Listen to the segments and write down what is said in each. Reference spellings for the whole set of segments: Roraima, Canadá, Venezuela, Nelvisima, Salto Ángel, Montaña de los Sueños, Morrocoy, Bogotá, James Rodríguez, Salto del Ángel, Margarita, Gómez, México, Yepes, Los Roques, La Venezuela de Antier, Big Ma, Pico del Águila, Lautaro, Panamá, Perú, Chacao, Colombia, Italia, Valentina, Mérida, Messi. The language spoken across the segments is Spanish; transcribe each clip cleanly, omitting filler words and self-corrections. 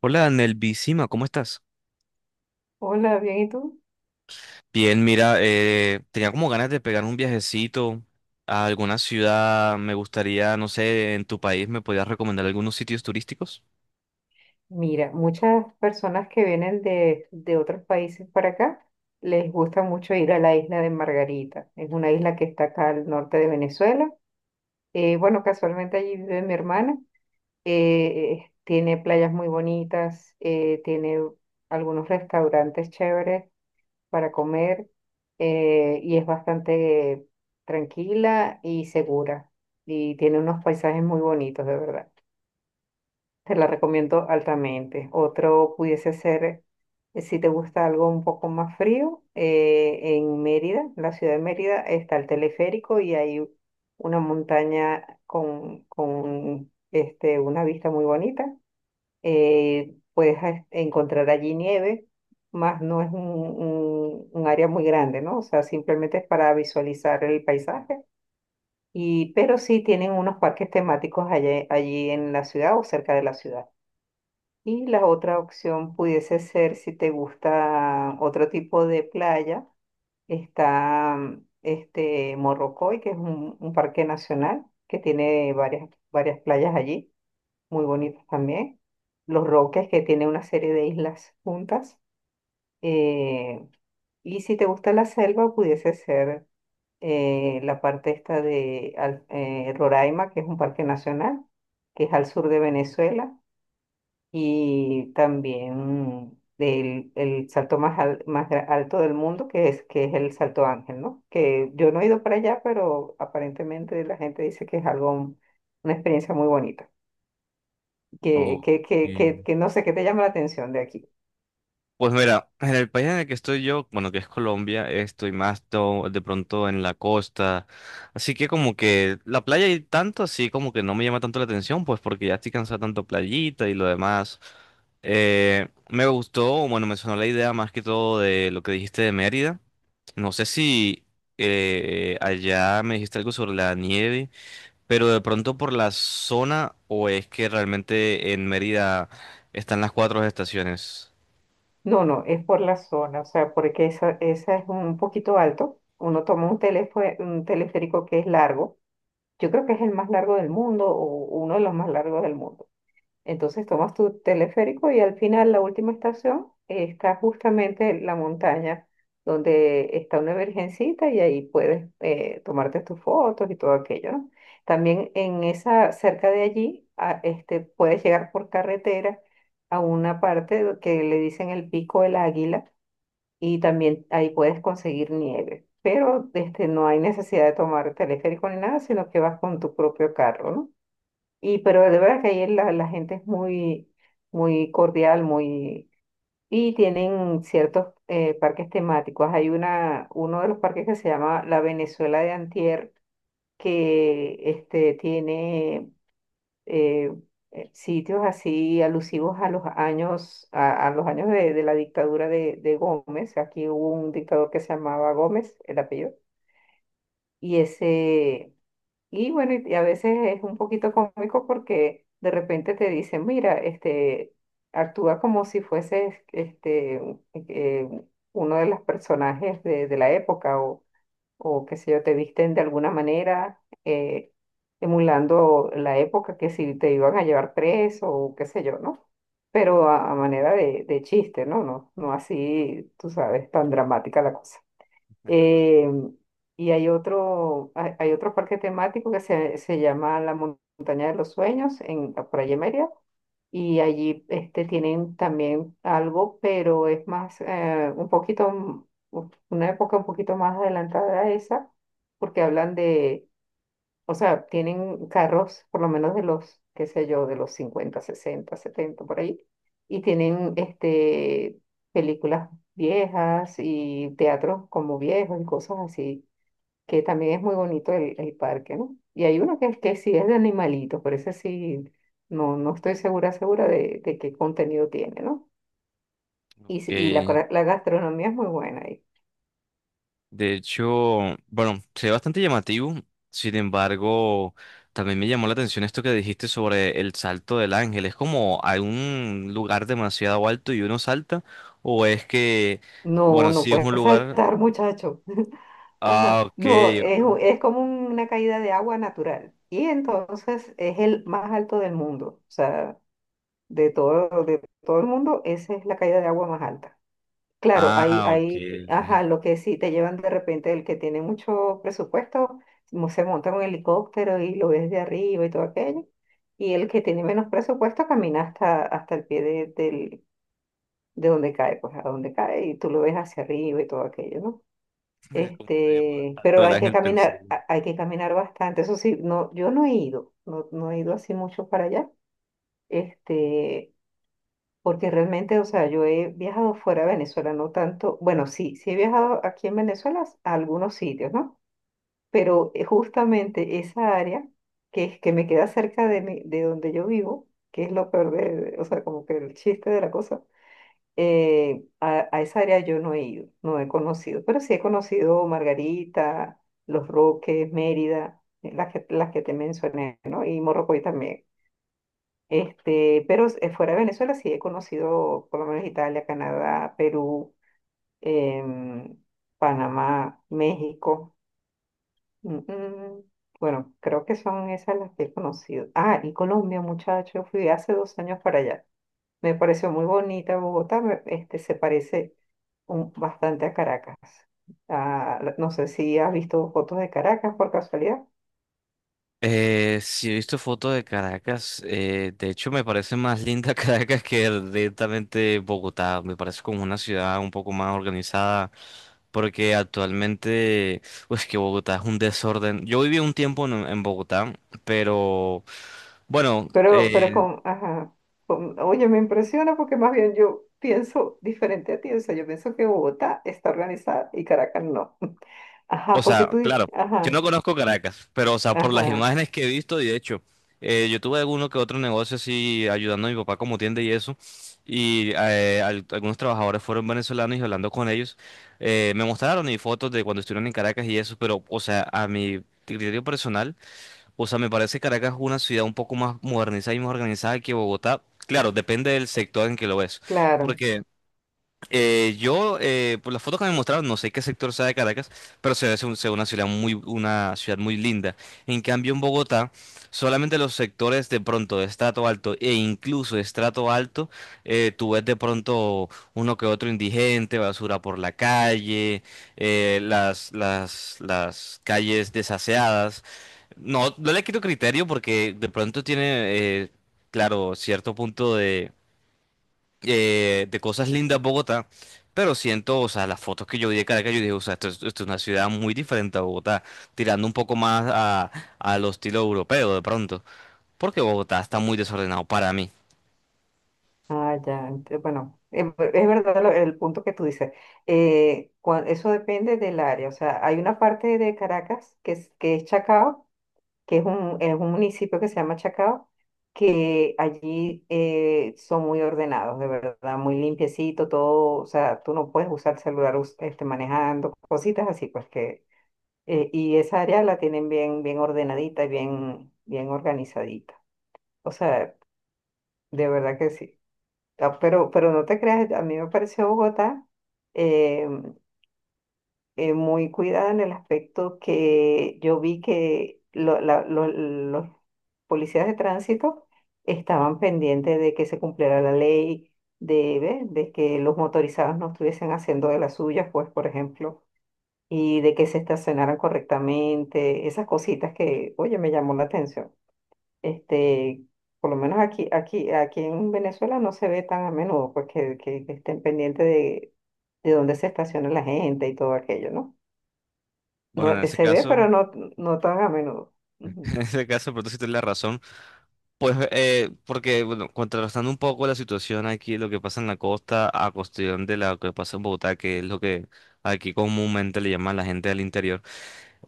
Hola, Nelvisima, ¿cómo estás? Hola, bien, ¿y tú? Bien, mira, tenía como ganas de pegar un viajecito a alguna ciudad. Me gustaría, no sé, en tu país, ¿me podías recomendar algunos sitios turísticos? Mira, muchas personas que vienen de otros países para acá les gusta mucho ir a la isla de Margarita. Es una isla que está acá al norte de Venezuela. Bueno, casualmente allí vive mi hermana. Tiene playas muy bonitas, tiene algunos restaurantes chéveres para comer y es bastante tranquila y segura. Y tiene unos paisajes muy bonitos, de verdad. Te la recomiendo altamente. Otro pudiese ser, si te gusta algo un poco más frío, en Mérida, en la ciudad de Mérida, está el teleférico y hay una montaña con este, una vista muy bonita. Puedes encontrar allí nieve, más no es un área muy grande, ¿no? O sea, simplemente es para visualizar el paisaje. Y pero sí tienen unos parques temáticos allí, allí en la ciudad o cerca de la ciudad. Y la otra opción pudiese ser, si te gusta otro tipo de playa, está este Morrocoy, que es un parque nacional que tiene varias playas allí, muy bonitas también. Los Roques, que tiene una serie de islas juntas. eh, y si te gusta la selva, pudiese ser la parte esta de Roraima, que es un parque nacional, que es al sur de Venezuela, y también el salto más, más alto del mundo, que es el Salto Ángel, ¿no? Que yo no he ido para allá, pero aparentemente la gente dice que es algo, una experiencia muy bonita, que, O... que, que, que, que no sé, qué te llama la atención de aquí. Pues mira, en el país en el que estoy yo, bueno, que es Colombia, estoy más de pronto en la costa, así que como que la playa y tanto, así como que no me llama tanto la atención, pues porque ya estoy cansado de tanto playita y lo demás. Me gustó, bueno, me sonó la idea más que todo de lo que dijiste de Mérida. No sé si allá me dijiste algo sobre la nieve, pero de pronto por la zona o es que realmente en Mérida están las cuatro estaciones. No, no, es por la zona, o sea, porque esa es un poquito alto. Uno toma un un teleférico que es largo. Yo creo que es el más largo del mundo o uno de los más largos del mundo. Entonces tomas tu teleférico y al final la última estación está justamente en la montaña donde está una virgencita y ahí puedes tomarte tus fotos y todo aquello, ¿no? También en esa, cerca de allí, este, puedes llegar por carretera a una parte que le dicen el Pico del Águila, y también ahí puedes conseguir nieve. Pero este, no hay necesidad de tomar teleférico ni nada, sino que vas con tu propio carro, ¿no? Y pero de verdad que ahí la, la gente es muy, muy cordial, muy... Y tienen ciertos parques temáticos. Hay una, uno de los parques que se llama La Venezuela de Antier, que este, tiene eh, sitios así alusivos a los años, a los años de la dictadura de Gómez. Aquí hubo un dictador que se llamaba Gómez, el apellido. Y ese y bueno, y a veces es un poquito cómico porque de repente te dicen, mira, este, actúa como si fueses este, uno de los personajes de la época o qué sé yo, te visten de alguna manera emulando la época que si te iban a llevar preso o qué sé yo, ¿no? Pero a manera de chiste, ¿no? No, no así, tú sabes, tan dramática la cosa. Eh, y hay otro, hay otro parque temático se llama la Montaña de los Sueños, en, por allí en Mérida. Y allí este, tienen también algo, pero es más, un poquito, una época un poquito más adelantada a esa, porque hablan de, o sea, tienen carros, por lo menos de los, qué sé yo, de los 50, 60, 70, por ahí, y tienen este, películas viejas y teatros como viejos y cosas así, que también es muy bonito el parque, ¿no? Y hay uno que, que sí es de animalitos, por eso sí, no, no estoy segura, segura de qué contenido tiene, ¿no? Y, y la, Ok, la gastronomía es muy buena ahí. de hecho, bueno, se ve bastante llamativo, sin embargo, también me llamó la atención esto que dijiste sobre el salto del ángel. ¿Es como a un lugar demasiado alto y uno salta? ¿O es que, No, bueno, no, no si es un puedes lugar...? saltar, muchacho. Ajá. Ah, ok, No, es, es como una caída de agua natural. Y entonces es el más alto del mundo. O sea, de todo el mundo, esa es la caída de agua más alta. Claro, ah, ok. Ajá, lo que sí te llevan de repente el que tiene mucho presupuesto, se monta en un helicóptero y lo ves de arriba y todo aquello. Y el que tiene menos presupuesto camina hasta, hasta el pie de donde cae, pues a donde cae y tú lo ves hacia arriba y todo aquello, ¿no? ¿Cómo se llamaba el Este, salto pero del hay que ángel? Pensé. caminar, hay que caminar bastante. Eso sí, no, yo no he ido, no, no he ido así mucho para allá. Este, porque realmente, o sea, yo he viajado fuera de Venezuela, no tanto. Bueno, sí, sí he viajado aquí en Venezuela a algunos sitios, ¿no? Pero justamente esa área que es que me queda cerca de de donde yo vivo, que es lo peor de, o sea, como que el chiste de la cosa a esa área yo no he ido, no he conocido, pero sí he conocido Margarita, Los Roques, Mérida, las que te mencioné, ¿no? Y Morrocoy también. Este, pero fuera de Venezuela sí he conocido por lo menos Italia, Canadá, Perú, em, Panamá, México. Mm, mm. Bueno, creo que son esas las que he conocido. Ah, y Colombia, muchacho, fui hace 2 años para allá. Me pareció muy bonita Bogotá, este, se parece bastante a Caracas. Ah, no sé si has visto fotos de Caracas por casualidad, Sí, he visto fotos de Caracas. De hecho, me parece más linda Caracas que directamente Bogotá. Me parece como una ciudad un poco más organizada. Porque actualmente, pues que Bogotá es un desorden. Yo viví un tiempo en Bogotá, pero bueno. Pero con, ajá, oye, me impresiona porque más bien yo pienso diferente a ti, o sea, yo pienso que Bogotá está organizada y Caracas no. Ajá, O porque sea, tú dices, claro, yo no ajá, conozco Caracas, pero o sea, por las ajá, imágenes que he visto, y de hecho, yo tuve alguno que otro negocio así ayudando a mi papá como tienda y eso, y algunos trabajadores fueron venezolanos y hablando con ellos, me mostraron y fotos de cuando estuvieron en Caracas y eso, pero o sea, a mi criterio personal, o sea, me parece Caracas una ciudad un poco más modernizada y más organizada que Bogotá. Claro, depende del sector en que lo ves. claro. Porque yo, por las fotos que me mostraron, no sé qué sector sea de Caracas, pero se ve se ve una ciudad muy linda. En cambio, en Bogotá, solamente los sectores de pronto de estrato alto e incluso de estrato alto, tú ves de pronto uno que otro indigente, basura por la calle, las calles desaseadas. No, no le quito criterio porque de pronto tiene, eh, claro, cierto punto de cosas lindas Bogotá, pero siento, o sea, las fotos que yo vi de Caracas, yo dije, o sea, esto es una ciudad muy diferente a Bogotá, tirando un poco más a lo estilo europeo de pronto, porque Bogotá está muy desordenado para mí. Ah, ya, bueno, es verdad el punto que tú dices. Eso depende del área. O sea, hay una parte de Caracas que es Chacao, que es un municipio que se llama Chacao, que allí son muy ordenados, de verdad, muy limpiecito, todo. O sea, tú no puedes usar celular este, manejando, cositas así, pues que. Y esa área la tienen bien, bien ordenadita y bien, bien organizadita. O sea, de verdad que sí. Ah, pero no te creas, a mí me pareció Bogotá eh, muy cuidada en el aspecto que yo vi que los policías de tránsito estaban pendientes de que se cumpliera la ley, de, ¿ves? De que los motorizados no estuviesen haciendo de las suyas, pues, por ejemplo, y de que se estacionaran correctamente, esas cositas que, oye, me llamó la atención este, por lo menos aquí en Venezuela no se ve tan a menudo, pues que, que estén pendientes de dónde se estaciona la gente y todo aquello, ¿no? Bueno, No, en ese se ve, pero caso, no, no tan a menudo. Ujú. en ese caso, pero tú sí tienes la razón, pues, porque, bueno, contrastando un poco la situación aquí, lo que pasa en la costa, a cuestión de lo que pasa en Bogotá, que es lo que aquí comúnmente le llaman la gente del interior.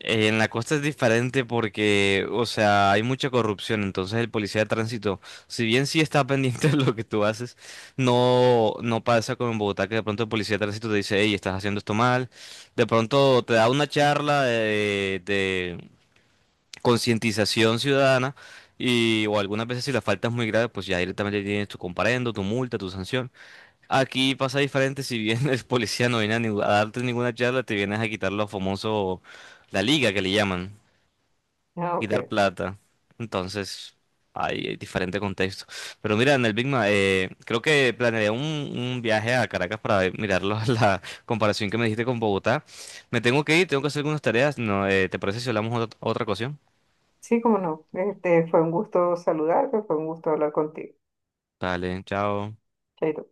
En la costa es diferente porque, o sea, hay mucha corrupción, entonces el policía de tránsito, si bien sí está pendiente de lo que tú haces, no pasa como en Bogotá que de pronto el policía de tránsito te dice: hey, estás haciendo esto mal, de pronto te da una charla de concientización ciudadana y o algunas veces si la falta es muy grave, pues ya directamente tienes tu comparendo, tu multa, tu sanción. Aquí pasa diferente, si bien el policía no viene a, a darte ninguna charla, te vienes a quitar lo famoso, la liga que le llaman Ah, y dar ok. plata. Entonces, hay diferente contexto. Pero mira, en el Big Ma, creo que planeé un viaje a Caracas para mirarlo la comparación que me dijiste con Bogotá. Me tengo que ir, tengo que hacer algunas tareas. No, ¿te parece si hablamos otra ocasión? Sí, cómo no. Este, fue un gusto saludarte, fue un gusto hablar contigo. Dale, chao. Chaito.